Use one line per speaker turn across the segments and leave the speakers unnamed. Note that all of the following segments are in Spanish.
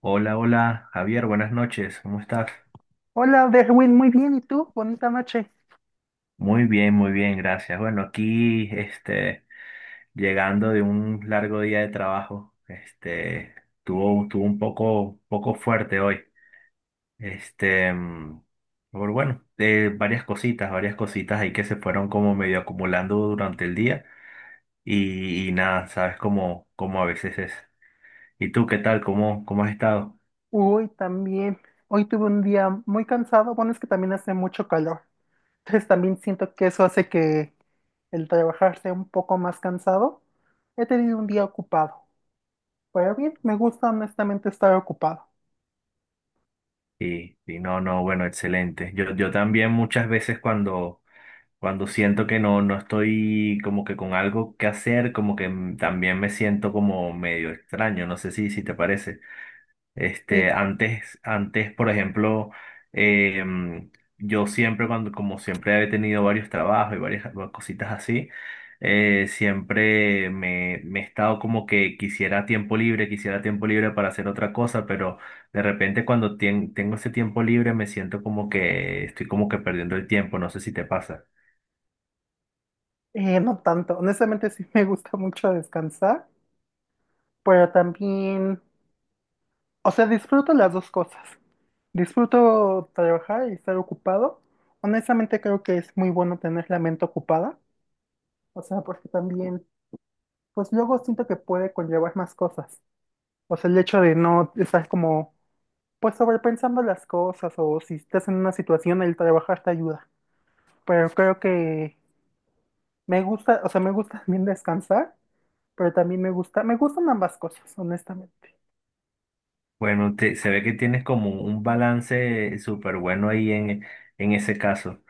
Hola, hola, Javier, buenas noches, ¿cómo estás?
Hola, Derwin, muy bien. ¿Y tú? Bonita noche.
Muy bien, gracias. Bueno, aquí, llegando de un largo día de trabajo, tuvo un poco fuerte hoy. Este, mm, pero bueno, varias cositas ahí que se fueron como medio acumulando durante el día y nada, sabes cómo, cómo a veces es. ¿Y tú qué tal? ¿Cómo, cómo has estado?
Hoy también. Hoy tuve un día muy cansado. Bueno, es que también hace mucho calor. Entonces también siento que eso hace que el trabajar sea un poco más cansado. He tenido un día ocupado. Pero bien, me gusta honestamente estar ocupado.
Y no, no, bueno, excelente. Yo también muchas veces cuando siento que no estoy como que con algo que hacer, como que también me siento como medio extraño, no sé si te parece. Este,
Sí,
antes, por ejemplo, eh, mm, yo siempre cuando, como siempre he tenido varios trabajos y varias cositas así, siempre me he estado como que quisiera tiempo libre para hacer otra cosa, pero de repente cuando tengo ese tiempo libre me siento como que estoy como que perdiendo el tiempo, no sé si te pasa.
no tanto. Honestamente sí me gusta mucho descansar, pero también, o sea, disfruto las dos cosas. Disfruto trabajar y estar ocupado. Honestamente creo que es muy bueno tener la mente ocupada. O sea, porque también, pues luego siento que puede conllevar más cosas. O sea, el hecho de no estar como, pues sobrepensando las cosas, o si estás en una situación, el trabajar te ayuda. Pero creo que me gusta, o sea, me gusta también descansar, pero también me gusta, me gustan ambas cosas, honestamente.
Bueno, se ve que tienes como un balance súper bueno ahí en ese caso.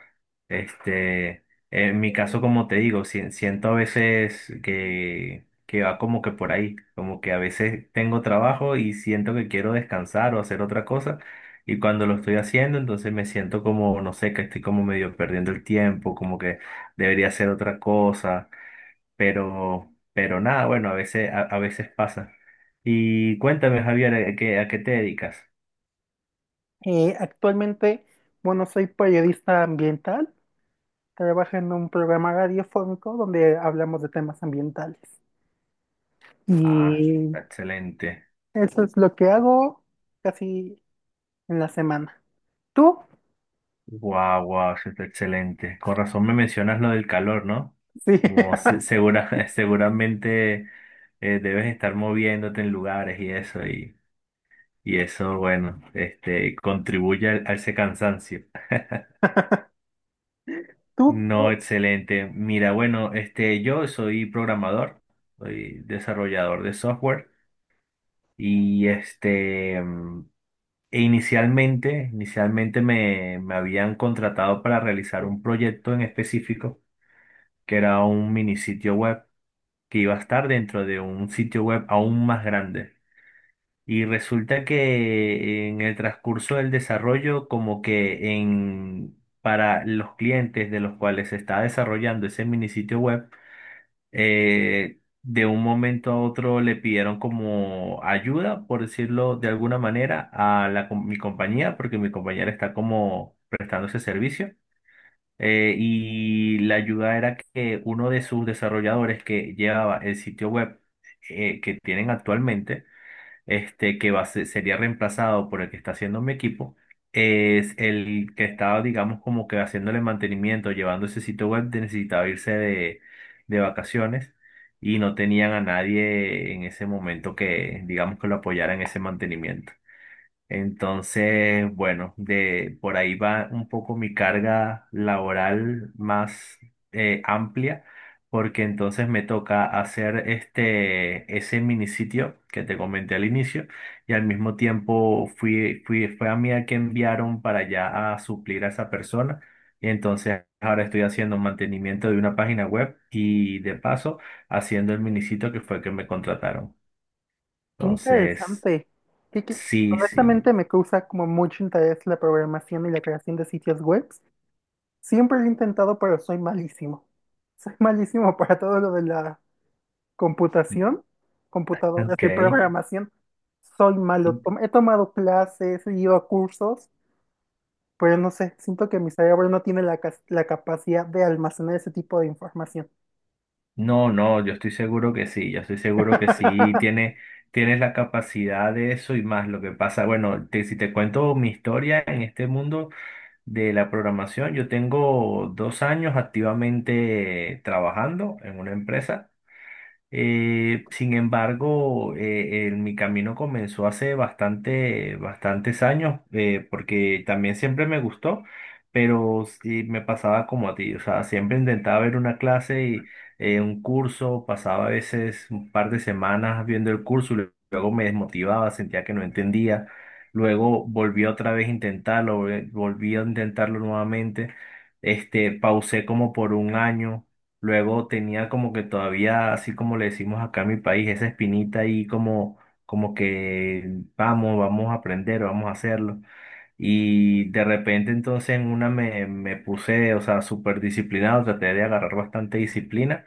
Este, en mi caso, como te digo, siento a veces que va como que por ahí, como que a veces tengo trabajo y siento que quiero descansar o hacer otra cosa, y cuando lo estoy haciendo, entonces me siento como, no sé, que estoy como medio perdiendo el tiempo, como que debería hacer otra cosa pero nada, bueno, a veces, a veces pasa. Y cuéntame, Javier, a qué te dedicas?
Actualmente, bueno, soy periodista ambiental, trabajo en un programa radiofónico donde hablamos de temas ambientales.
Ah,
Y
está excelente.
eso es lo que hago casi en la semana. Tú,
Guau, guau, eso está excelente. Con razón me mencionas lo del calor, ¿no?
sí,
Como segura, seguramente debes estar moviéndote en lugares y eso, bueno, este, contribuye a ese cansancio.
tú,
No,
tú,
excelente. Mira, bueno, este, yo soy programador, soy desarrollador de software. Y e inicialmente, inicialmente me habían contratado para realizar un proyecto en específico, que era un mini sitio web, que iba a estar dentro de un sitio web aún más grande. Y resulta que en el transcurso del desarrollo, como que en, para los clientes de los cuales se está desarrollando ese mini sitio web, de un momento a otro le pidieron como ayuda, por decirlo de alguna manera, a la, mi compañía, porque mi compañera está como prestando ese servicio. Y la ayuda era que uno de sus desarrolladores que llevaba el sitio web que tienen actualmente, este, que va a sería reemplazado por el que está haciendo mi equipo, es el que estaba, digamos, como que haciéndole mantenimiento, llevando ese sitio web, necesitaba irse de vacaciones y no tenían a nadie en ese momento que, digamos, que lo apoyara en ese mantenimiento. Entonces, bueno, de por ahí va un poco mi carga laboral más amplia, porque entonces me toca hacer este ese mini sitio que te comenté al inicio, y al mismo tiempo fue a mí a que enviaron para allá a suplir a esa persona. Y entonces ahora estoy haciendo mantenimiento de una página web y de paso haciendo el mini sitio que fue que me contrataron.
qué
Entonces,
interesante. Qué- qué-
sí, sí.
Honestamente me causa como mucho interés la programación y la creación de sitios web. Siempre lo he intentado, pero soy malísimo. Soy malísimo para todo lo de la computación, computadoras
Ok.
y programación. Soy malo. He tomado clases, he ido a cursos, pero no sé, siento que mi cerebro no tiene la, la capacidad de almacenar ese tipo de información.
No, no, yo estoy seguro que sí, yo estoy seguro que sí tiene, tienes la capacidad de eso y más. Lo que pasa, bueno, si te cuento mi historia en este mundo de la programación, yo tengo dos años activamente trabajando en una empresa. Sin embargo, mi camino comenzó hace bastante, bastantes años, porque también siempre me gustó, pero sí me pasaba como a ti, o sea, siempre intentaba ver una clase y un curso, pasaba a veces un par de semanas viendo el curso, y luego me desmotivaba, sentía que no entendía, luego volví otra vez a intentarlo, volví a intentarlo nuevamente, este, pausé como por un año. Luego tenía como que todavía, así como le decimos acá en mi país, esa espinita ahí como, como que vamos, vamos a aprender, vamos a hacerlo. Y de repente entonces en una me puse, o sea, súper disciplinado, traté de agarrar bastante disciplina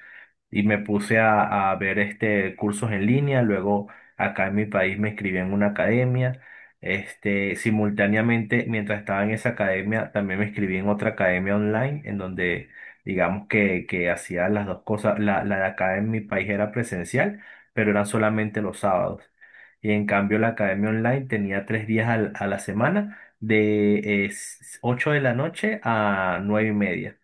y me puse a ver este cursos en línea. Luego acá en mi país me inscribí en una academia. Este, simultáneamente, mientras estaba en esa academia, también me inscribí en otra academia online, en donde digamos que hacía las dos cosas. La de acá en mi país era presencial, pero eran solamente los sábados. Y en cambio la academia online tenía tres días a la semana de 8 de la noche a 9 y media.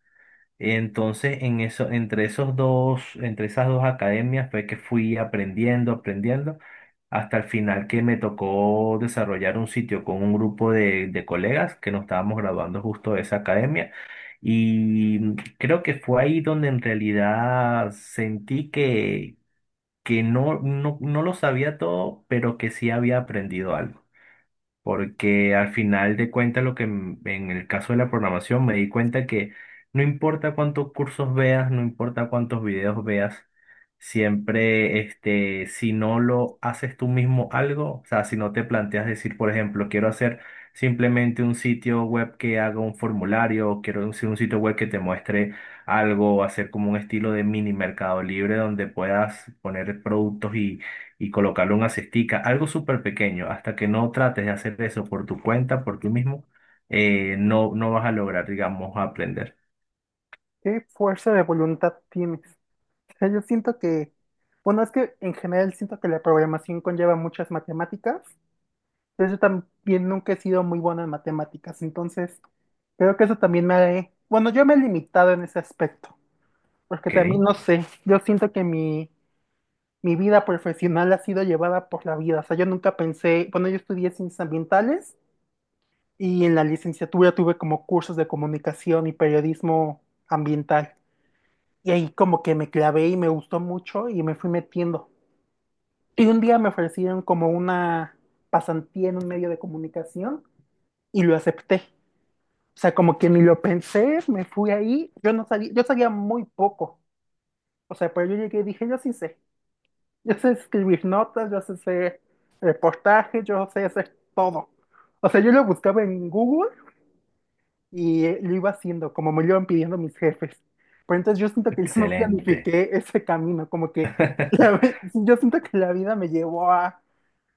Entonces, en eso, entre esos dos, entre esas dos academias fue que fui aprendiendo, aprendiendo, hasta el final que me tocó desarrollar un sitio con un grupo de colegas que nos estábamos graduando justo de esa academia. Y creo que fue ahí donde en realidad sentí que no, no, no lo sabía todo, pero que sí había aprendido algo. Porque al final de cuentas, lo que en el caso de la programación me di cuenta que no importa cuántos cursos veas, no importa cuántos videos veas, siempre, este, si no lo haces tú mismo algo, o sea, si no te planteas decir, por ejemplo, quiero hacer simplemente un sitio web que haga un formulario, o quiero hacer un sitio web que te muestre algo, o hacer como un estilo de mini mercado libre donde puedas poner productos y colocarle una cestica, algo súper pequeño, hasta que no trates de hacer eso por tu cuenta, por ti mismo, no vas a lograr, digamos, aprender.
¿Qué fuerza de voluntad tienes? Sea, yo siento que, bueno, es que en general siento que la programación conlleva muchas matemáticas, pero yo también nunca he sido muy bueno en matemáticas, entonces creo que eso también me ha, bueno, yo me he limitado en ese aspecto, porque también
Ok,
no sé, yo siento que mi vida profesional ha sido llevada por la vida, o sea, yo nunca pensé, bueno, yo estudié ciencias ambientales y en la licenciatura tuve como cursos de comunicación y periodismo ambiental, y ahí como que me clavé y me gustó mucho y me fui metiendo. Y un día me ofrecieron como una pasantía en un medio de comunicación y lo acepté. O sea, como que ni lo pensé, me fui ahí. Yo no sabía, yo sabía muy poco. O sea, pero yo llegué y dije, yo sí sé. Yo sé escribir notas, yo sé hacer reportajes, yo sé hacer todo. O sea, yo lo buscaba en Google y lo iba haciendo, como me lo iban pidiendo mis jefes. Pero entonces yo siento que yo no
excelente,
planifiqué ese camino, como que yo siento que la vida me llevó a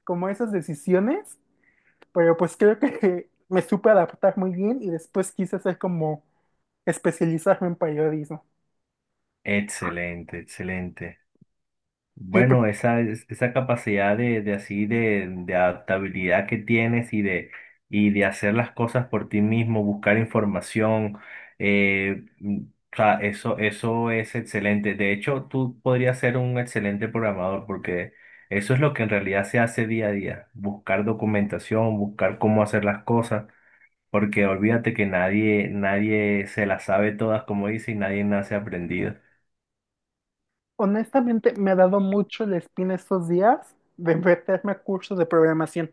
como esas decisiones. Pero pues creo que me supe adaptar muy bien y después quise hacer como especializarme en periodismo.
excelente, excelente.
Y pues
Bueno, esa, esa capacidad de así de adaptabilidad que tienes y de hacer las cosas por ti mismo, buscar información, eh, mm, o sea, eso es excelente. De hecho, tú podrías ser un excelente programador porque eso es lo que en realidad se hace día a día, buscar documentación, buscar cómo hacer las cosas, porque olvídate que nadie, nadie se las sabe todas, como dice, y nadie nace aprendido.
honestamente me ha dado mucho la espina estos días de meterme a cursos de programación,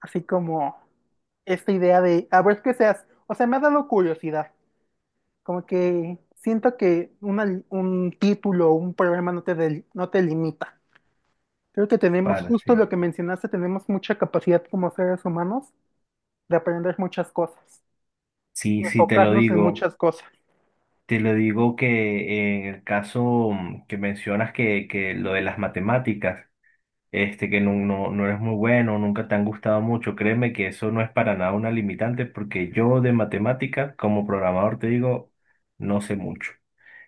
así como esta idea de a ver qué seas. O sea, me ha dado curiosidad, como que siento que un título o un programa no te, no te limita. Creo que tenemos
Para,
justo lo
sí.
que mencionaste, tenemos mucha capacidad como seres humanos de aprender muchas cosas,
Sí,
de
sí, te lo
enfocarnos en
digo.
muchas cosas.
Te lo digo que en el caso que mencionas que lo de las matemáticas, este, que no, no, no eres muy bueno, nunca te han gustado mucho, créeme que eso no es para nada una limitante porque yo de matemáticas como programador te digo, no sé mucho.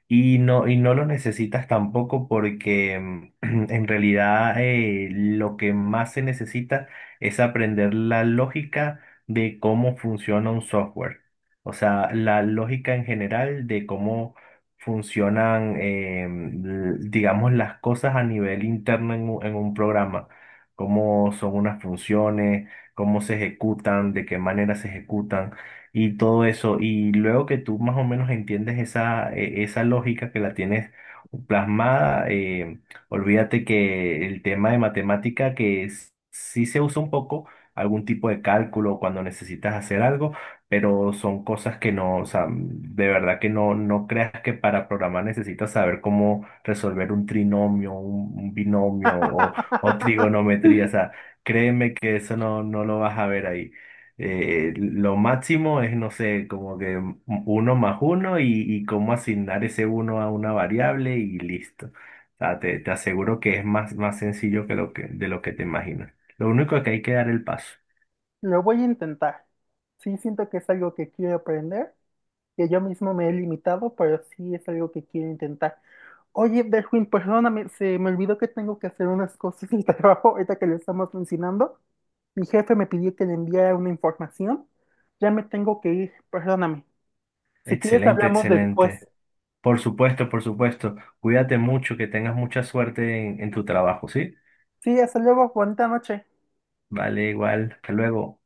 Y no los necesitas tampoco porque en realidad lo que más se necesita es aprender la lógica de cómo funciona un software. O sea, la lógica en general de cómo funcionan, digamos, las cosas a nivel interno en un programa. Cómo son unas funciones, cómo se ejecutan, de qué manera se ejecutan y todo eso. Y luego que tú más o menos entiendes esa, esa lógica que la tienes plasmada, olvídate que el tema de matemática que sí se usa un poco, algún tipo de cálculo cuando necesitas hacer algo, pero son cosas que no, o sea, de verdad que no, no creas que para programar necesitas saber cómo resolver un trinomio, un binomio o trigonometría, o sea, créeme que eso no, no lo vas a ver ahí. Lo máximo es, no sé, como que uno más uno y cómo asignar ese uno a una variable y listo. O sea, te aseguro que es más, más sencillo que lo que, de lo que te imaginas. Lo único es que hay que dar el paso.
Lo voy a intentar. Sí, siento que es algo que quiero aprender, que yo mismo me he limitado, pero sí es algo que quiero intentar. Oye, Derwin, perdóname, se me olvidó que tengo que hacer unas cosas del trabajo ahorita que lo estamos mencionando. Mi jefe me pidió que le enviara una información. Ya me tengo que ir, perdóname. Si quieres,
Excelente,
hablamos después.
excelente. Por supuesto, por supuesto. Cuídate mucho, que tengas mucha suerte en tu trabajo, ¿sí?
Sí, hasta luego, bonita noche.
Vale, igual. Hasta luego.